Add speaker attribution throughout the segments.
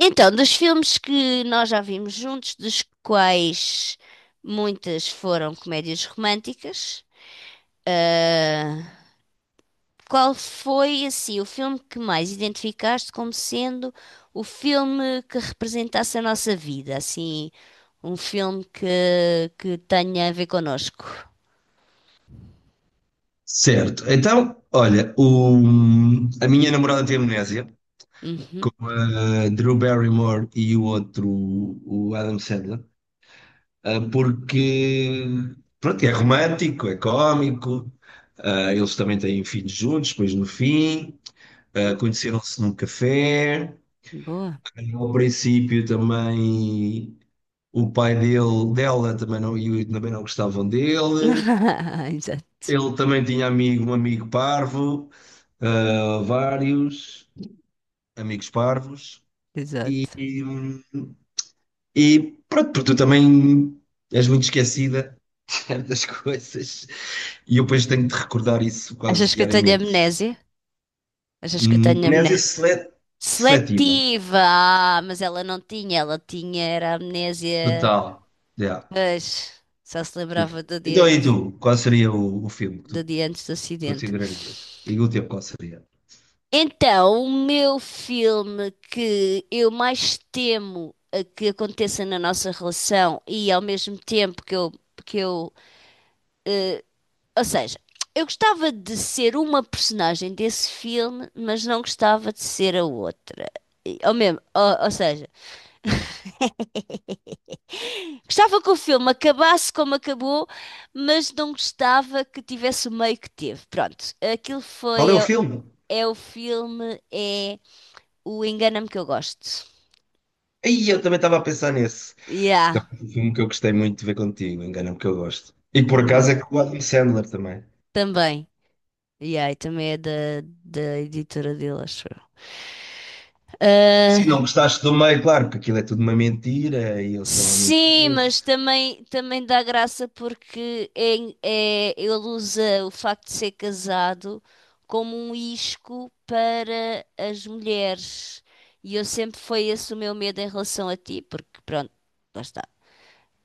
Speaker 1: Então, dos filmes que nós já vimos juntos, dos quais muitas foram comédias românticas, ah, qual foi assim o filme que mais identificaste como sendo o filme que representasse a nossa vida? Assim, um filme que, que tenha a ver connosco.
Speaker 2: Certo. Então, olha, a minha namorada tem amnésia, com
Speaker 1: Uhum,
Speaker 2: a Drew Barrymore e o outro, o Adam Sandler, porque, pronto, é romântico, é cómico, eles também têm filhos juntos, depois no fim, conheceram-se num café,
Speaker 1: boa.
Speaker 2: ao princípio também o pai dela também não, também não gostavam dele,
Speaker 1: Exato,
Speaker 2: ele também tinha amigo, um amigo parvo, vários. Amigos parvos, e,
Speaker 1: exato.
Speaker 2: e, pronto, porque tu também és muito esquecida das coisas, e eu depois tenho de recordar isso quase
Speaker 1: Achas que eu tenho
Speaker 2: diariamente.
Speaker 1: amnésia? Achas que eu tenho
Speaker 2: Amnésia
Speaker 1: amnésia?
Speaker 2: seletiva,
Speaker 1: Seletiva! Ah, mas ela não tinha, ela tinha, era amnésia,
Speaker 2: total. Yeah,
Speaker 1: mas só se
Speaker 2: yeah.
Speaker 1: lembrava
Speaker 2: Então, e tu, qual seria o filme que
Speaker 1: do
Speaker 2: tu
Speaker 1: dia antes do acidente.
Speaker 2: considerarias? E o teu, qual seria?
Speaker 1: Então, o meu filme que eu mais temo a que aconteça na nossa relação e ao mesmo tempo que eu, eh, ou seja, eu gostava de ser uma personagem desse filme, mas não gostava de ser a outra. Ou seja, gostava que o filme acabasse como acabou, mas não gostava que tivesse o meio que teve. Pronto, aquilo
Speaker 2: Qual
Speaker 1: foi.
Speaker 2: é o filme?
Speaker 1: É o filme, é o Engana-me que eu gosto.
Speaker 2: Aí eu também estava a pensar nesse.
Speaker 1: Yeah,
Speaker 2: Também foi um filme que eu gostei muito de ver contigo, engana-me que eu gosto. E por
Speaker 1: yeah.
Speaker 2: acaso é com o Adam Sandler também.
Speaker 1: Também. Yeah, e também é da editora dele, acho eu.
Speaker 2: Se não
Speaker 1: Ah,
Speaker 2: gostaste do meio, claro, porque aquilo é tudo uma mentira e eles estão a
Speaker 1: sim, mas
Speaker 2: mentir-se.
Speaker 1: também, também dá graça porque ele usa o facto de ser casado como um isco para as mulheres. E eu sempre foi esse o meu medo em relação a ti, porque pronto, lá está.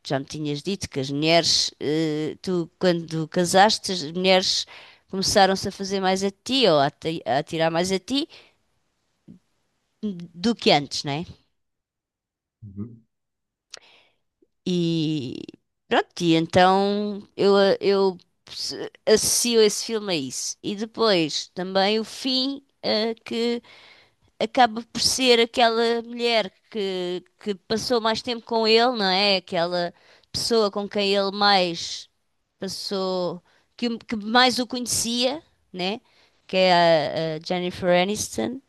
Speaker 1: Já me tinhas dito que as mulheres, eh, tu quando casaste, as mulheres começaram-se a fazer mais a ti ou a, ti- a tirar mais a ti do que antes, né?
Speaker 2: Uhum.
Speaker 1: E pronto, e então eu associo esse filme a isso. E depois também o fim, eh, que acaba por ser aquela mulher que passou mais tempo com ele, não é? Aquela pessoa com quem ele mais passou, que, o- que mais o conhecia, né? Que é a Jennifer Aniston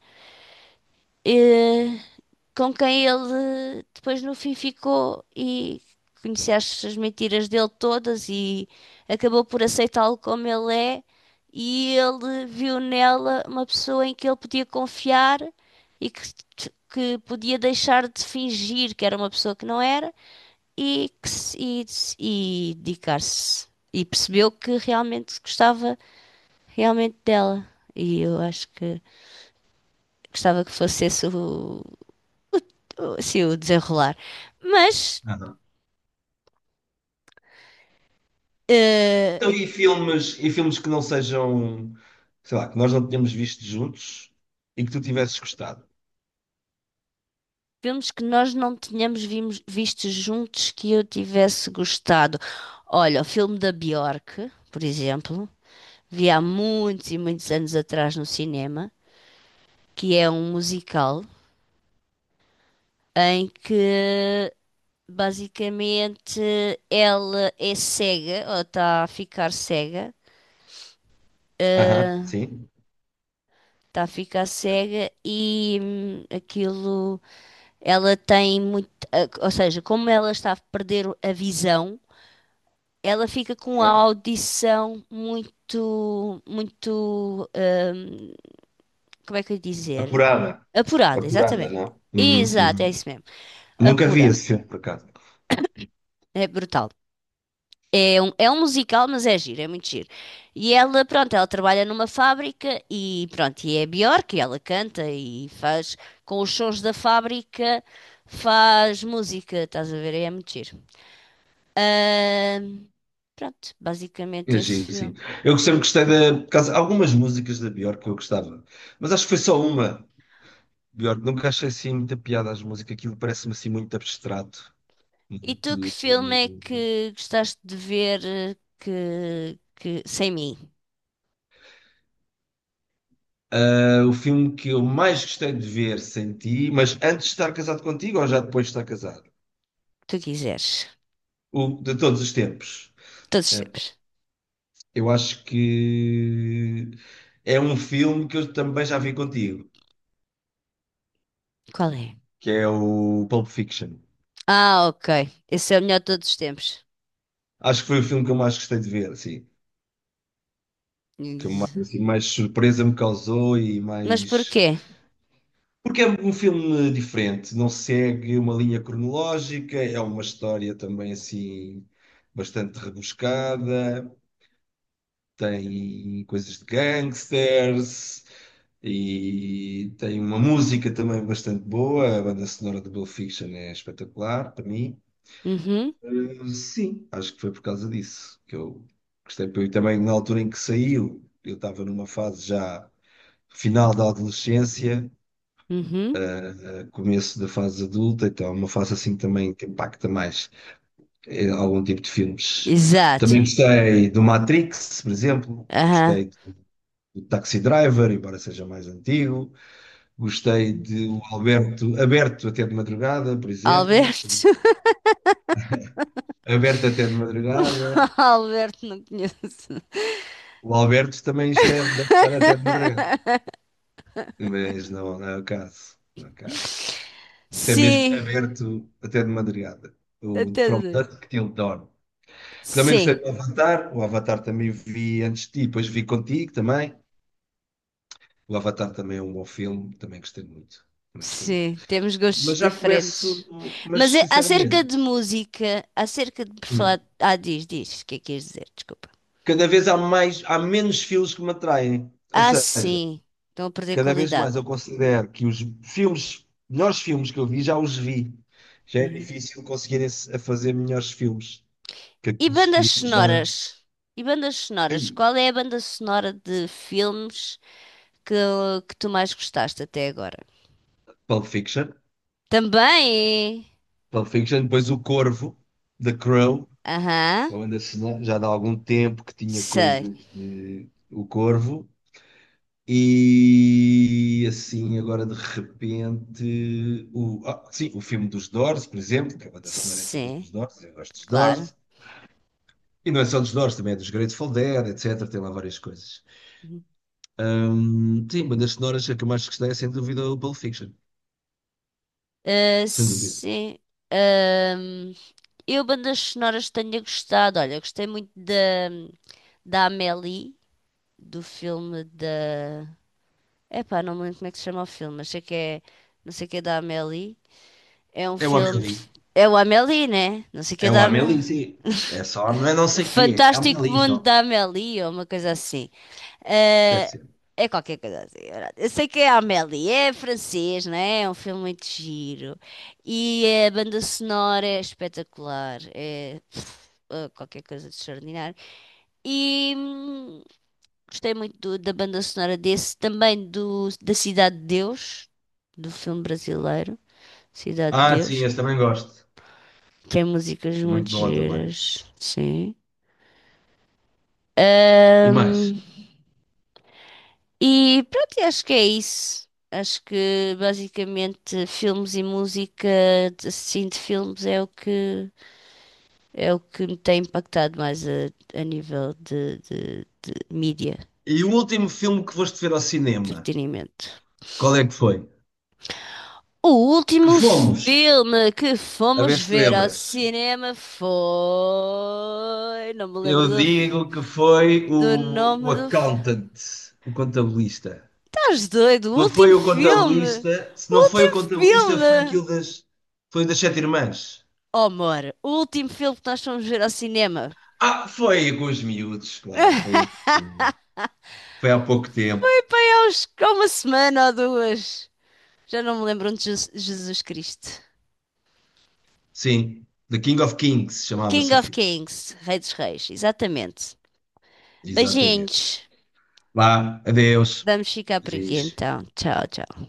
Speaker 1: com quem ele depois no fim ficou e conhecia as, as mentiras dele todas e acabou por aceitá-lo como ele é e ele viu nela uma pessoa em que ele podia confiar e que, que podia deixar de fingir que era uma pessoa que não era e, que se- e dedicar-se. E percebeu que realmente gostava realmente dela. E eu acho que gostava que fosse esse sim, o desenrolar. Mas
Speaker 2: Ah, não. Então,
Speaker 1: eh,
Speaker 2: e filmes que não sejam, sei lá, que nós não tenhamos visto juntos e que tu tivesses gostado?
Speaker 1: filmes que nós não tínhamos vimos- visto juntos que eu tivesse gostado. Olha, o filme da Bjork, por exemplo, vi há muitos e muitos anos atrás no cinema, que é um musical em que basicamente ela é cega ou está a ficar cega.
Speaker 2: Aham,
Speaker 1: eh,
Speaker 2: sim.
Speaker 1: Está a ficar cega e aquilo ela tem muito, eh, ou seja, como ela está a perder a visão, ela fica com a
Speaker 2: Aham.
Speaker 1: audição muito, muito, como é que eu ia dizer?
Speaker 2: Apurada.
Speaker 1: Apurada,
Speaker 2: Apurada,
Speaker 1: exatamente.
Speaker 2: não? Uhum,
Speaker 1: Exato, é
Speaker 2: uhum.
Speaker 1: isso mesmo.
Speaker 2: Nunca vi
Speaker 1: Apurada.
Speaker 2: esse filme, por acaso.
Speaker 1: É brutal. É um musical, mas é giro, é muito giro. E ela, pronto, ela trabalha numa fábrica e pronto, e é Björk, e ela canta e faz com os sons da fábrica, faz música, estás a ver? É muito giro. Ahm, pronto, basicamente
Speaker 2: É
Speaker 1: esse
Speaker 2: giro, sim.
Speaker 1: filme.
Speaker 2: Eu sempre gostei da. Por algumas músicas da Björk que eu gostava, mas acho que foi só uma. Björk, nunca achei assim muita piada às músicas, aquilo parece-me assim muito abstrato.
Speaker 1: E tu que
Speaker 2: Muito.
Speaker 1: filme é que gostaste de ver que sem mim,
Speaker 2: É o filme que eu mais gostei de ver sem ti, mas antes de estar casado contigo ou já depois de estar casado?
Speaker 1: que tu quiseres?
Speaker 2: O de todos os tempos.
Speaker 1: Todos os
Speaker 2: Epá,
Speaker 1: tempos.
Speaker 2: eu acho que é um filme que eu também já vi contigo,
Speaker 1: Qual é?
Speaker 2: que é o Pulp Fiction.
Speaker 1: Ah, ok. Esse é o melhor de todos os tempos.
Speaker 2: Acho que foi o filme que eu mais gostei de ver, assim, que mais,
Speaker 1: Ex-
Speaker 2: assim, mais surpresa me causou e
Speaker 1: Mas
Speaker 2: mais.
Speaker 1: porquê?
Speaker 2: Porque é um filme diferente, não segue uma linha cronológica, é uma história também assim bastante rebuscada. Tem coisas de gangsters e tem uma música também bastante boa. A banda sonora do Pulp Fiction é espetacular para mim.
Speaker 1: Uhum,
Speaker 2: Sim, acho que foi por causa disso que eu gostei. Porque eu também, na altura em que saiu, eu estava numa fase já final da adolescência,
Speaker 1: uhum.
Speaker 2: começo da fase adulta, então é uma fase assim também que impacta mais algum tipo de filmes.
Speaker 1: Exato.
Speaker 2: Também gostei do Matrix, por exemplo.
Speaker 1: Aham.
Speaker 2: Gostei do Taxi Driver, embora seja mais antigo. Gostei de Aberto até de madrugada, por exemplo.
Speaker 1: Alberto.
Speaker 2: Aberto até de madrugada.
Speaker 1: Alberto não conheço.
Speaker 2: O Alberto também esteve, deve estar até de madrugada. Mas não, não é o caso. Não é o caso. Isto é mesmo
Speaker 1: Sim.
Speaker 2: aberto até de madrugada. O
Speaker 1: Até.
Speaker 2: From Dusk Till Dawn. Também gostei
Speaker 1: Sim.
Speaker 2: do Avatar. O Avatar também vi antes de ti, depois vi contigo também. O Avatar também é um bom filme, também gostei muito. Também gostei muito.
Speaker 1: Sim, temos gostos
Speaker 2: Mas já começo,
Speaker 1: diferentes.
Speaker 2: mas
Speaker 1: Mas é- acerca de
Speaker 2: sinceramente,
Speaker 1: música, acerca de por
Speaker 2: hum.
Speaker 1: falar. Ah, diz, diz, o que é que ias dizer? Desculpa.
Speaker 2: Cada vez há mais, há menos filmes que me atraem. Ou
Speaker 1: Ah,
Speaker 2: seja,
Speaker 1: sim, estão a perder
Speaker 2: cada vez
Speaker 1: qualidade.
Speaker 2: mais eu considero que os filmes, melhores filmes que eu vi, já os vi. Já é
Speaker 1: Uhum.
Speaker 2: difícil conseguirem a fazer melhores filmes que
Speaker 1: E
Speaker 2: aqueles
Speaker 1: bandas
Speaker 2: que eu já.
Speaker 1: sonoras? E bandas sonoras?
Speaker 2: Ei,
Speaker 1: Qual é a banda sonora de filmes que, que tu mais gostaste até agora?
Speaker 2: Pulp Fiction.
Speaker 1: Também!
Speaker 2: Pulp Fiction, depois o Corvo, The Crow,
Speaker 1: Aham,
Speaker 2: o Anderson, já dá algum tempo que tinha
Speaker 1: sei.
Speaker 2: coisas de O Corvo. E assim, agora de repente, sim, o filme dos Doors, por exemplo, que a banda sonora é toda
Speaker 1: Sim,
Speaker 2: dos Doors, eu gosto dos
Speaker 1: claro.
Speaker 2: Doors, e não é só dos Doors, também é dos Grateful Dead, etc. Tem lá várias coisas. Sim, bandas sonoras, a que eu mais gostei é sem dúvida é o Pulp Fiction,
Speaker 1: Ah,
Speaker 2: sem dúvida.
Speaker 1: sim. Ahm, eu, bandas sonoras, tenho gostado. Olha, gostei muito da Amélie, do filme da. Epá, não me lembro como é que se chama o filme, mas sei que é. Não sei o que é da Amélie. É um
Speaker 2: É o
Speaker 1: filme.
Speaker 2: Amélie,
Speaker 1: É o Amélie, né? Não sei o que
Speaker 2: é
Speaker 1: é
Speaker 2: o
Speaker 1: da Amélie.
Speaker 2: Amélie, sim, é só, não é não
Speaker 1: O
Speaker 2: sei o quê, é
Speaker 1: Fantástico
Speaker 2: Amélie
Speaker 1: Mundo
Speaker 2: só,
Speaker 1: da Amélie, ou uma coisa assim.
Speaker 2: deve
Speaker 1: Eh,
Speaker 2: ser.
Speaker 1: é qualquer coisa assim. É verdade. Eu sei que é Amélie, é francês, não é? É um filme muito giro. E a banda sonora é espetacular. É pff, qualquer coisa de extraordinário. E gostei muito do- da banda sonora desse, também da Cidade de Deus, do filme brasileiro, Cidade de
Speaker 2: Ah, sim,
Speaker 1: Deus.
Speaker 2: esse também gosto,
Speaker 1: Tem músicas muito
Speaker 2: muito bom também.
Speaker 1: giras, sim.
Speaker 2: E mais?
Speaker 1: Hum, e pronto, e acho que é isso. Acho que basicamente filmes e música, de- assim, de filmes é o que me tem impactado mais a nível de mídia,
Speaker 2: E o último filme que foste ver ao cinema,
Speaker 1: entretenimento.
Speaker 2: qual é que foi?
Speaker 1: O
Speaker 2: Que
Speaker 1: último
Speaker 2: fomos,
Speaker 1: filme que
Speaker 2: a
Speaker 1: fomos
Speaker 2: ver se te
Speaker 1: ver ao
Speaker 2: lembras,
Speaker 1: cinema foi. Não me lembro
Speaker 2: eu
Speaker 1: do, f-
Speaker 2: digo que foi
Speaker 1: do
Speaker 2: o
Speaker 1: nome do filme.
Speaker 2: accountant, o contabilista.
Speaker 1: Estás doido? O
Speaker 2: Não
Speaker 1: último
Speaker 2: foi o
Speaker 1: filme!
Speaker 2: contabilista, se
Speaker 1: O
Speaker 2: não foi o
Speaker 1: último
Speaker 2: contabilista, foi
Speaker 1: filme!
Speaker 2: aquilo das, foi das sete irmãs.
Speaker 1: Oh, amor, o último filme que nós fomos ver ao cinema.
Speaker 2: Ah, foi com os miúdos, claro, foi, foi há pouco tempo.
Speaker 1: Deus, há uma semana ou duas. Já não me lembro onde. Jesus, Jesus Cristo.
Speaker 2: Sim, The King of Kings
Speaker 1: King
Speaker 2: chamava-se o
Speaker 1: of
Speaker 2: filme,
Speaker 1: Kings, Rei dos Reis, exatamente.
Speaker 2: exatamente.
Speaker 1: Beijinhos.
Speaker 2: Vá, adeus.
Speaker 1: Vamos ficar por aqui
Speaker 2: Giz.
Speaker 1: então. Tchau, tchau.